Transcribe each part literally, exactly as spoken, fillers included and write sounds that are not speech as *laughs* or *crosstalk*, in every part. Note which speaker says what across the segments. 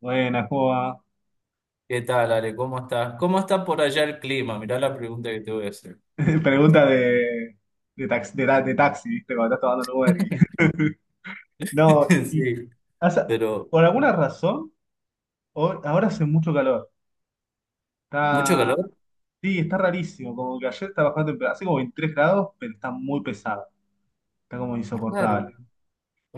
Speaker 1: Buena, ¿cómo? *laughs*
Speaker 2: ¿Qué tal, Ale? ¿Cómo estás? ¿Cómo está por allá el clima? Mirá la pregunta que te voy a hacer. ¿Cómo está
Speaker 1: Pregunta
Speaker 2: para- allá?
Speaker 1: de, de, tax- de, ta- de taxi, ¿viste? Cuando estás tomando un Uber y...
Speaker 2: *laughs*
Speaker 1: *laughs* No, y...
Speaker 2: Sí,
Speaker 1: o sea,
Speaker 2: pero
Speaker 1: por alguna razón, ho- ahora hace mucho calor.
Speaker 2: mucho
Speaker 1: Está...
Speaker 2: calor.
Speaker 1: Sí, está rarísimo. Como que ayer está bajando temperatura. Hace como veintitrés grados, pero está muy pesado. Está como
Speaker 2: Raro,
Speaker 1: insoportable.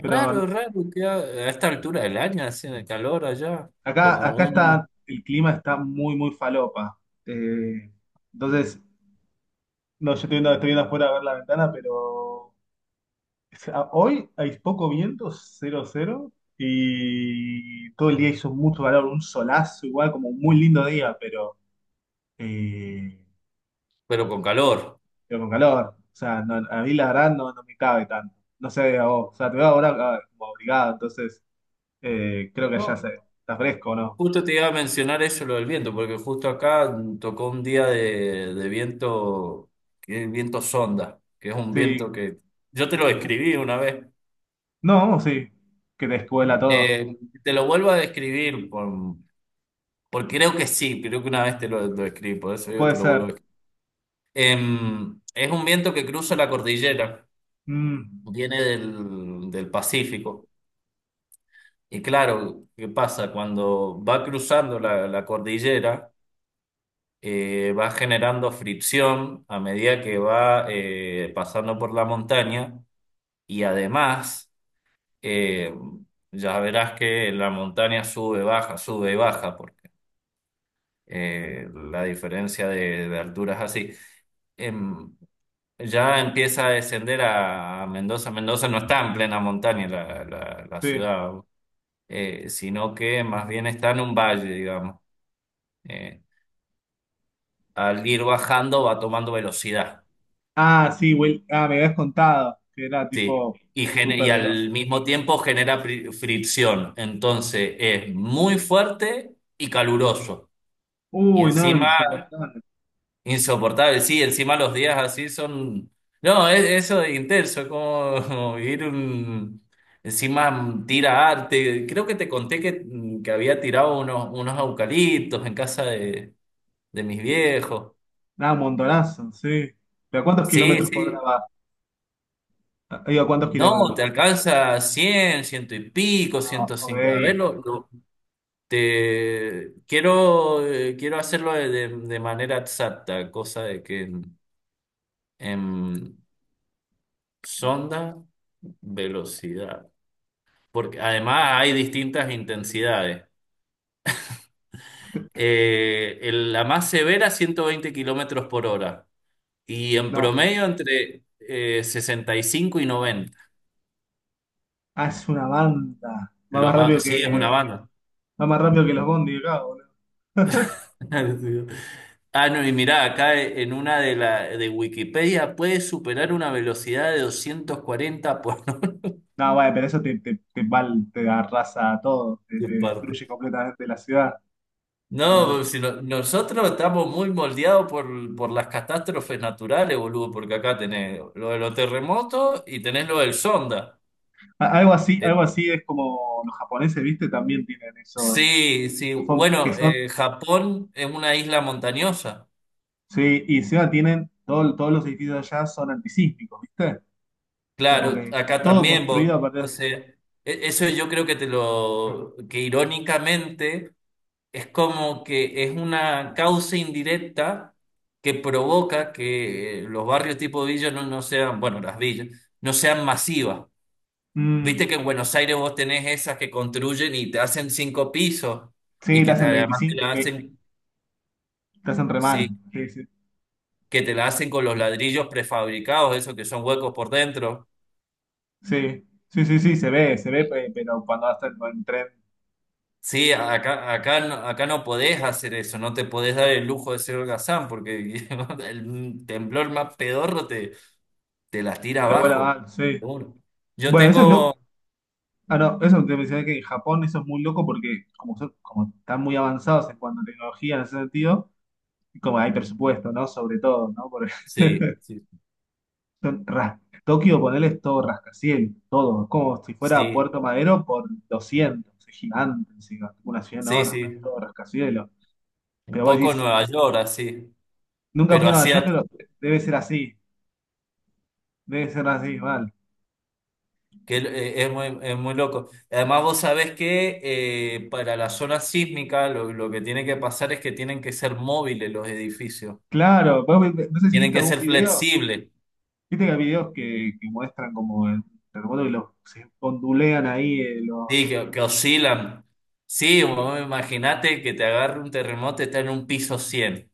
Speaker 1: Pero
Speaker 2: raro que a, a esta altura del año haciendo calor allá,
Speaker 1: acá,
Speaker 2: como
Speaker 1: acá está...
Speaker 2: un...
Speaker 1: El clima está muy, muy falopa. Eh, entonces, no, yo estoy viendo, estoy viendo afuera a ver la ventana, pero... sea, hoy hay poco viento, cero cero, y todo el día hizo mucho calor, un solazo igual, como un muy lindo día, pero, eh,
Speaker 2: pero con calor.
Speaker 1: pero con calor. O sea, no- a mí la verdad no, no me cabe tanto. No sé, a vos. O sea, te veo ahora ah, como abrigado, entonces eh, creo que allá
Speaker 2: No,
Speaker 1: se, está fresco, ¿no?
Speaker 2: justo te iba a mencionar eso, lo del viento, porque justo acá tocó un día de, de viento, que es viento sonda, que es un
Speaker 1: Sí.
Speaker 2: viento que yo te lo describí una vez.
Speaker 1: No, sí. Que te escuela todo.
Speaker 2: Eh, Te lo vuelvo a describir, por- porque creo que sí, creo que una vez te lo, lo escribí, por eso yo
Speaker 1: Puede
Speaker 2: te lo vuelvo
Speaker 1: ser.
Speaker 2: a escribir. Em, es un viento que cruza la cordillera,
Speaker 1: Mm,
Speaker 2: viene del, del Pacífico. Y claro, ¿qué pasa? Cuando va cruzando la, la cordillera, eh, va generando fricción a medida que va eh, pasando por la montaña. Y además, eh, ya verás que la montaña sube, baja, sube y baja, porque eh, la diferencia de, de altura es así. Em, ya empieza a descender a a Mendoza. Mendoza no está en plena montaña la, la- la
Speaker 1: sí.
Speaker 2: ciudad, eh, sino que más bien está en un valle, digamos. Eh, Al ir bajando va tomando velocidad,
Speaker 1: Ah, sí, Will. Ah, me habías contado que era
Speaker 2: sí.
Speaker 1: tipo
Speaker 2: Y, gene- y
Speaker 1: súper veloz.
Speaker 2: al mismo tiempo genera pri- fricción. Entonces es muy fuerte y caluroso. Y
Speaker 1: Uy, no,
Speaker 2: encima
Speaker 1: insoportable.
Speaker 2: insoportable, sí, encima los días así son... No, es, eso de intenso, es como, *laughs* como vivir un... Encima tira arte. Creo que te conté que, que había tirado unos, unos eucaliptos en casa de, de mis viejos.
Speaker 1: Nada, montonazo, sí. ¿Pero a cuántos
Speaker 2: Sí,
Speaker 1: kilómetros por hora
Speaker 2: sí.
Speaker 1: va? Digo, ¿a cuántos
Speaker 2: No,
Speaker 1: kilómetros?
Speaker 2: te alcanza cien ciento y pico,
Speaker 1: Ah,
Speaker 2: ciento cincuenta. A ver,
Speaker 1: ok.
Speaker 2: lo, lo- te, quiero, eh, quiero hacerlo de, de- de manera exacta, cosa de que en en sonda... Velocidad. Porque además hay distintas intensidades. Eh, el- la más severa, ciento veinte kilómetros por hora. Y en
Speaker 1: No.
Speaker 2: promedio entre eh, sesenta y cinco y noventa.
Speaker 1: Ah, es una banda. Va
Speaker 2: Lo
Speaker 1: más rápido
Speaker 2: más, sí, es una
Speaker 1: que.
Speaker 2: banda.
Speaker 1: Va más rápido que los bondis acá, boludo. *laughs*
Speaker 2: *laughs* Ah, no, y mirá, acá en una de, la, de Wikipedia puede superar una velocidad de doscientos cuarenta por *laughs* no
Speaker 1: No, bueno, pero eso te, te, te, val- te arrasa a todo, te,
Speaker 2: sé,
Speaker 1: te
Speaker 2: parte.
Speaker 1: destruye completamente la ciudad.
Speaker 2: No,
Speaker 1: No es-
Speaker 2: pues, si no- nosotros estamos muy moldeados por, por las catástrofes naturales, boludo, porque acá tenés lo de los terremotos y tenés lo del Sonda.
Speaker 1: a- Algo así,
Speaker 2: Eh,
Speaker 1: algo así es como los japoneses, ¿viste? También tienen eso de-
Speaker 2: sí, sí,
Speaker 1: que son, que
Speaker 2: bueno,
Speaker 1: son-
Speaker 2: eh, Japón es una isla montañosa.
Speaker 1: sí, y encima tienen, todo- todos los edificios allá son antisísmicos, ¿viste? Como
Speaker 2: Claro,
Speaker 1: que está
Speaker 2: acá
Speaker 1: todo
Speaker 2: también,
Speaker 1: construido a
Speaker 2: vos,
Speaker 1: partir
Speaker 2: o
Speaker 1: de-
Speaker 2: sea, e- eso yo creo que te lo, que irónicamente es como que es una causa indirecta que provoca que eh, los barrios tipo villa no no sean, bueno, las villas, no sean masivas.
Speaker 1: Mm,
Speaker 2: Viste que en Buenos Aires vos tenés esas que construyen y te hacen cinco pisos y
Speaker 1: sí, te
Speaker 2: que te,
Speaker 1: hacen
Speaker 2: además te
Speaker 1: veinticinco
Speaker 2: la
Speaker 1: ve-
Speaker 2: hacen,
Speaker 1: te hacen re mal.
Speaker 2: sí,
Speaker 1: Sí, sí,
Speaker 2: que te la hacen con los ladrillos prefabricados, esos que son huecos por dentro.
Speaker 1: sí, sí, sí, sí, se ve, se ve, pe- pero cuando hasta en el tren,
Speaker 2: Sí, acá, acá, no- acá no podés hacer eso, no te podés dar el lujo de ser holgazán porque *laughs* el temblor más pedorro te, te las tira
Speaker 1: pero vuela
Speaker 2: abajo.
Speaker 1: mal, sí.
Speaker 2: Seguro. Yo
Speaker 1: Bueno, eso es loco.
Speaker 2: tengo,
Speaker 1: Ah, no, eso te mencioné que en Japón eso es muy loco porque como, son- como están muy avanzados en cuanto a tecnología en ese sentido, y como hay presupuesto, ¿no? Sobre todo, ¿no? Por *laughs*
Speaker 2: sí, sí,
Speaker 1: Son ras- Tokio, ponele, es todo rascacielos, todo. Es como si fuera
Speaker 2: sí,
Speaker 1: Puerto Madero por doscientos, es gigante encima, una ciudad
Speaker 2: sí,
Speaker 1: enorme,
Speaker 2: sí,
Speaker 1: es todo rascacielos.
Speaker 2: un
Speaker 1: Pero vos
Speaker 2: poco
Speaker 1: decís,
Speaker 2: Nueva York así,
Speaker 1: nunca fui
Speaker 2: pero
Speaker 1: a Nueva
Speaker 2: así
Speaker 1: York,
Speaker 2: a
Speaker 1: pero debe ser así, debe ser así, mal.
Speaker 2: que eh, es muy, es muy loco. Además, vos sabés que eh, para la zona sísmica lo, lo que tiene que pasar es que tienen que ser móviles los edificios.
Speaker 1: Claro, vos vi- no sé si
Speaker 2: Tienen
Speaker 1: viste
Speaker 2: que
Speaker 1: algún
Speaker 2: ser
Speaker 1: video,
Speaker 2: flexibles,
Speaker 1: viste que hay videos que, que muestran como el terremoto y los, se ondulean ahí eh,
Speaker 2: sí,
Speaker 1: los...
Speaker 2: que, que oscilan. Sí, vos imaginate que te agarre un terremoto y está en un piso cien.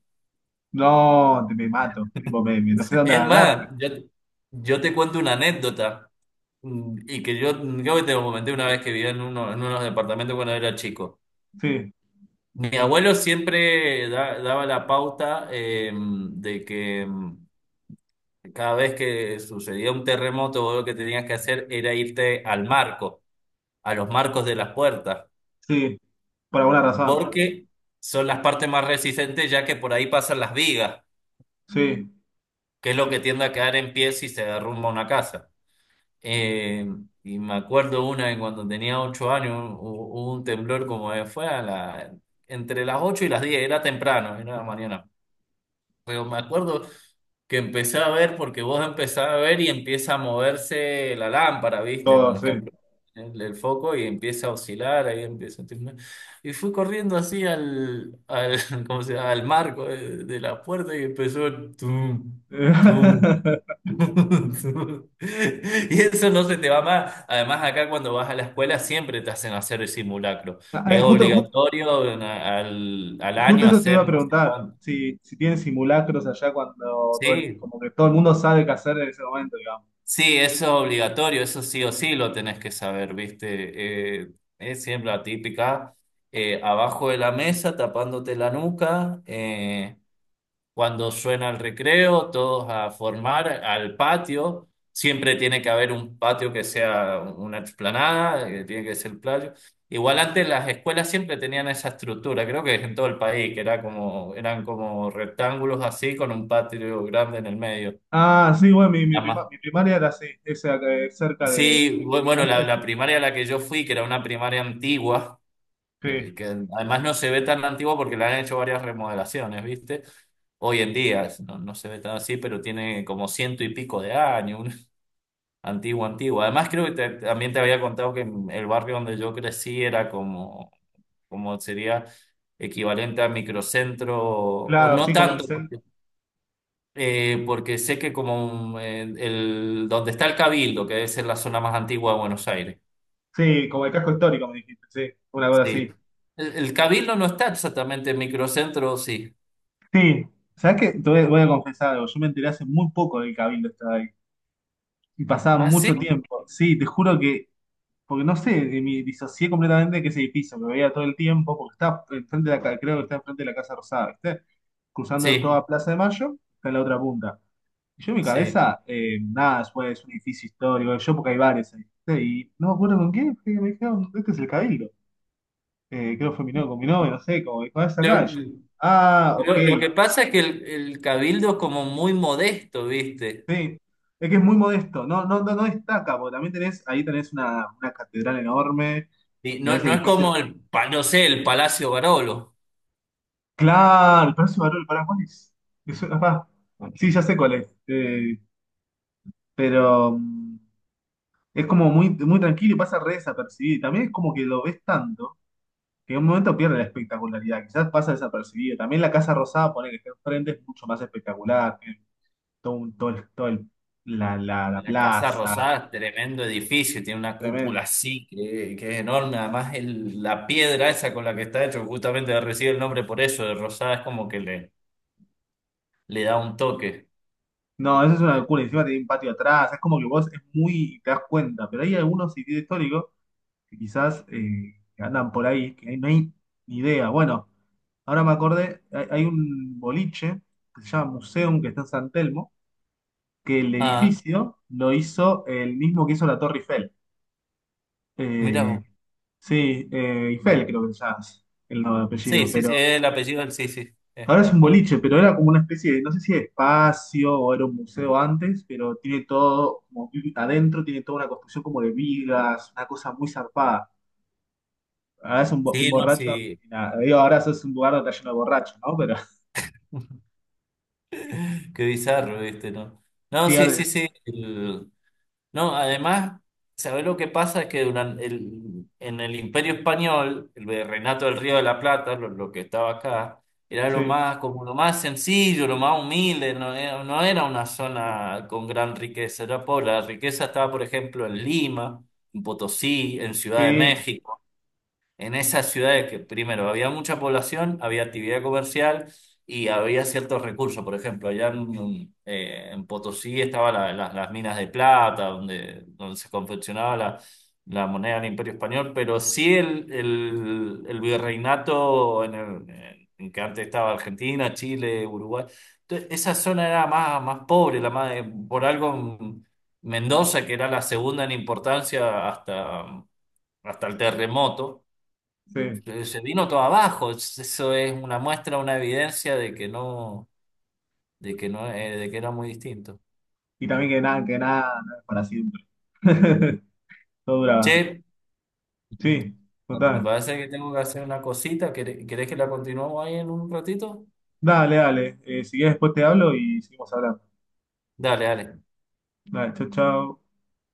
Speaker 1: No, te, me mato, tipo, me, me- no sé dónde
Speaker 2: Es
Speaker 1: agarrarme.
Speaker 2: más, yo, yo te cuento una anécdota mm, y que yo, yo te lo comenté una vez que vivía en, uno, en unos departamentos cuando era chico.
Speaker 1: Sí,
Speaker 2: Mi abuelo siempre da- daba la pauta eh, de que mm, cada vez que sucedía un terremoto, vos lo que tenías que hacer era irte al marco, a los marcos de las puertas,
Speaker 1: sí, por alguna razón,
Speaker 2: porque son las partes más resistentes, ya que por ahí pasan las vigas,
Speaker 1: sí,
Speaker 2: que es lo que tiende a quedar en pie si se derrumba una casa. Eh, y me acuerdo una en cuando tenía ocho años, hu- hubo un temblor como fue a la, entre las ocho y las diez, era temprano, era la mañana. Pero me acuerdo que empecé a ver porque vos empezás a ver y empieza a moverse la lámpara, ¿viste?
Speaker 1: todo,
Speaker 2: Por
Speaker 1: sí.
Speaker 2: ejemplo, el, el foco y empieza a oscilar, ahí empieza a temblar. Y fui corriendo así al, al, *laughs* ¿cómo se llama? Al marco de, de la puerta y empezó el tum, tum,
Speaker 1: *laughs*
Speaker 2: *laughs* tum. Y eso no se te va más. Además, acá cuando vas a la escuela siempre te hacen hacer el simulacro.
Speaker 1: Ah, eh,
Speaker 2: Es
Speaker 1: Justo, ju-
Speaker 2: obligatorio en- al, al
Speaker 1: justo,
Speaker 2: año
Speaker 1: eso te
Speaker 2: hacer
Speaker 1: iba a
Speaker 2: no sé
Speaker 1: preguntar,
Speaker 2: cuánto.
Speaker 1: si, si tienen simulacros allá cuando todo el-
Speaker 2: Sí,
Speaker 1: como que todo el mundo sabe qué hacer en ese momento, digamos.
Speaker 2: sí, eso es obligatorio, eso sí o sí lo tenés que saber, ¿viste? Eh, es siempre la típica, eh, abajo de la mesa, tapándote la nuca, eh, cuando suena el recreo, todos a formar al patio, siempre tiene que haber un patio que sea una explanada, eh, tiene que ser playo. Igual antes las escuelas siempre tenían esa estructura, creo que en todo el país, que era como, eran como rectángulos así con un patio grande en el medio.
Speaker 1: Ah, sí, bueno, mi, mi prima- mi primaria era así, esa, eh, cerca de...
Speaker 2: Sí, bu- bueno, la,
Speaker 1: ¿Antes?
Speaker 2: la primaria a la que yo fui, que era una primaria antigua,
Speaker 1: Sí,
Speaker 2: que, que además no se ve tan antigua porque le han hecho varias remodelaciones, ¿viste? Hoy en día no, no se ve tan así, pero tiene como ciento y pico de años, una antigua, antigua. *laughs* Además creo que te- también te había contado que el barrio donde yo crecí era como, como sería equivalente a microcentro, o
Speaker 1: claro,
Speaker 2: no
Speaker 1: sí, como el
Speaker 2: tanto,
Speaker 1: cen-
Speaker 2: porque, eh, porque sé que como mm, el, el- donde está el Cabildo, que es en la zona más antigua de Buenos Aires.
Speaker 1: sí, como el casco histórico, me dijiste, sí, una cosa
Speaker 2: Sí.
Speaker 1: así.
Speaker 2: El, el Cabildo no está exactamente en microcentro, sí.
Speaker 1: Sí, ¿sabes qué? Te voy, voy a confesar algo, yo me enteré hace muy poco del cabildo estaba ahí, y pasaba
Speaker 2: ¿Ah,
Speaker 1: mucho
Speaker 2: sí?
Speaker 1: tiempo. Sí, te juro que porque no sé, eh, me disocié completamente de que ese edificio que veía todo el tiempo, porque está enfrente de la, ca- creo que está enfrente de la Casa Rosada, ¿viste? Cruzando
Speaker 2: Sí,
Speaker 1: toda Plaza de Mayo, está en la otra punta. Y yo en mi
Speaker 2: sí.
Speaker 1: cabeza, eh, nada, después es un edificio histórico, yo porque hay bares ahí, ¿viste? Y no me acuerdo con quién, que y me dijeron, este es el Cabildo. Eh, creo que fue mi novio, con mi novio, no sé, como dijo, "Ah, es
Speaker 2: Lo,
Speaker 1: acá". Y yo, ah, ok,
Speaker 2: lo- lo que pasa es que el, el Cabildo es como muy modesto, ¿viste?
Speaker 1: sí. Es que es muy modesto, no, no, no, no destaca, porque también tenés, ahí tenés una, una catedral enorme,
Speaker 2: Y no,
Speaker 1: tenés
Speaker 2: no es como
Speaker 1: edificios.
Speaker 2: el, pa- no sé, el Palacio Barolo.
Speaker 1: Claro, el precio valor, ¿para cuál es? Me suena- ah, sí, ya sé cuál es. Eh, pero mm, es como muy, muy tranquilo y pasa re desapercibido. También es como que lo ves tanto que en un momento pierde la espectacularidad. Quizás pasa desapercibido. También la Casa Rosada, poner que está enfrente, es mucho más espectacular. Tiene todo, un- todo, el- todo el- la, la, la
Speaker 2: La Casa
Speaker 1: plaza,
Speaker 2: Rosada, tremendo edificio, tiene una cúpula
Speaker 1: tremendo.
Speaker 2: así, que, que es enorme. Además, el- la piedra esa con la que está hecho, justamente recibe el nombre por eso, de Rosada, es como que le, le da un toque.
Speaker 1: No, eso es una locura. Encima tiene un patio atrás. Es como que vos es muy, te das cuenta. Pero hay algunos sitios históricos que quizás eh, andan por ahí, que no hay ni idea. Bueno, ahora me acordé, hay, hay un boliche que se llama Museum, que está en San Telmo, que el
Speaker 2: Ah,
Speaker 1: edificio lo hizo el mismo que hizo la Torre Eiffel.
Speaker 2: mira
Speaker 1: Eh,
Speaker 2: vos.
Speaker 1: sí, eh, Eiffel creo que se llama el nombre de
Speaker 2: Sí,
Speaker 1: apellido,
Speaker 2: sí, sí,
Speaker 1: pero
Speaker 2: el apellido del sí, sí, es
Speaker 1: ahora es
Speaker 2: tal
Speaker 1: un
Speaker 2: cual.
Speaker 1: boliche, pero era como una especie de, no sé si de espacio o era un museo antes, pero tiene todo, como vi- adentro tiene toda una construcción como de vigas, una cosa muy zarpada. Ahora es un bo-
Speaker 2: Sí, no,
Speaker 1: borracho
Speaker 2: sí.
Speaker 1: y nada. Digo, ahora es un lugar donde está lleno de borrachos, ¿no? Pero *laughs*
Speaker 2: *laughs* Qué bizarro, ¿viste? No, no,
Speaker 1: sí,
Speaker 2: sí, sí,
Speaker 1: ahora-
Speaker 2: sí. el- No, además, ¿sabés lo que pasa? Es que durante el, en el Imperio Español, el virreinato del Río de la Plata, lo, lo que estaba acá, era lo
Speaker 1: sí,
Speaker 2: más, como lo más sencillo, lo más humilde, no era, no era una zona con gran riqueza, era pobre. La riqueza estaba, por ejemplo, en Lima, en Potosí, en Ciudad de
Speaker 1: sí,
Speaker 2: México, en esas ciudades que primero había mucha población, había actividad comercial y había ciertos recursos. Por ejemplo, allá en, eh, en Potosí estaban la- la- las minas de plata, donde, donde se confeccionaba la, la moneda del Imperio Español, pero sí el, el, el virreinato en, el- en que antes estaba Argentina, Chile, Uruguay. Entonces, esa zona era más, más pobre, la más, por algo Mendoza, que era la segunda en importancia hasta, hasta el terremoto
Speaker 1: sí.
Speaker 2: eh, se vino todo abajo. Eso es una muestra, una evidencia de que no, de que no, eh, de que era muy distinto.
Speaker 1: Y también que nada, que nada, no es para siempre. *laughs* Todo dura.
Speaker 2: Che, ujú,
Speaker 1: Sí,
Speaker 2: me
Speaker 1: total.
Speaker 2: parece que tengo que hacer una cosita. ¿Quere- ¿Querés que la continuemos ahí en un ratito?
Speaker 1: Dale, dale. Eh, si quieres después te hablo y seguimos hablando.
Speaker 2: Dale, dale.
Speaker 1: Dale, chau, chau.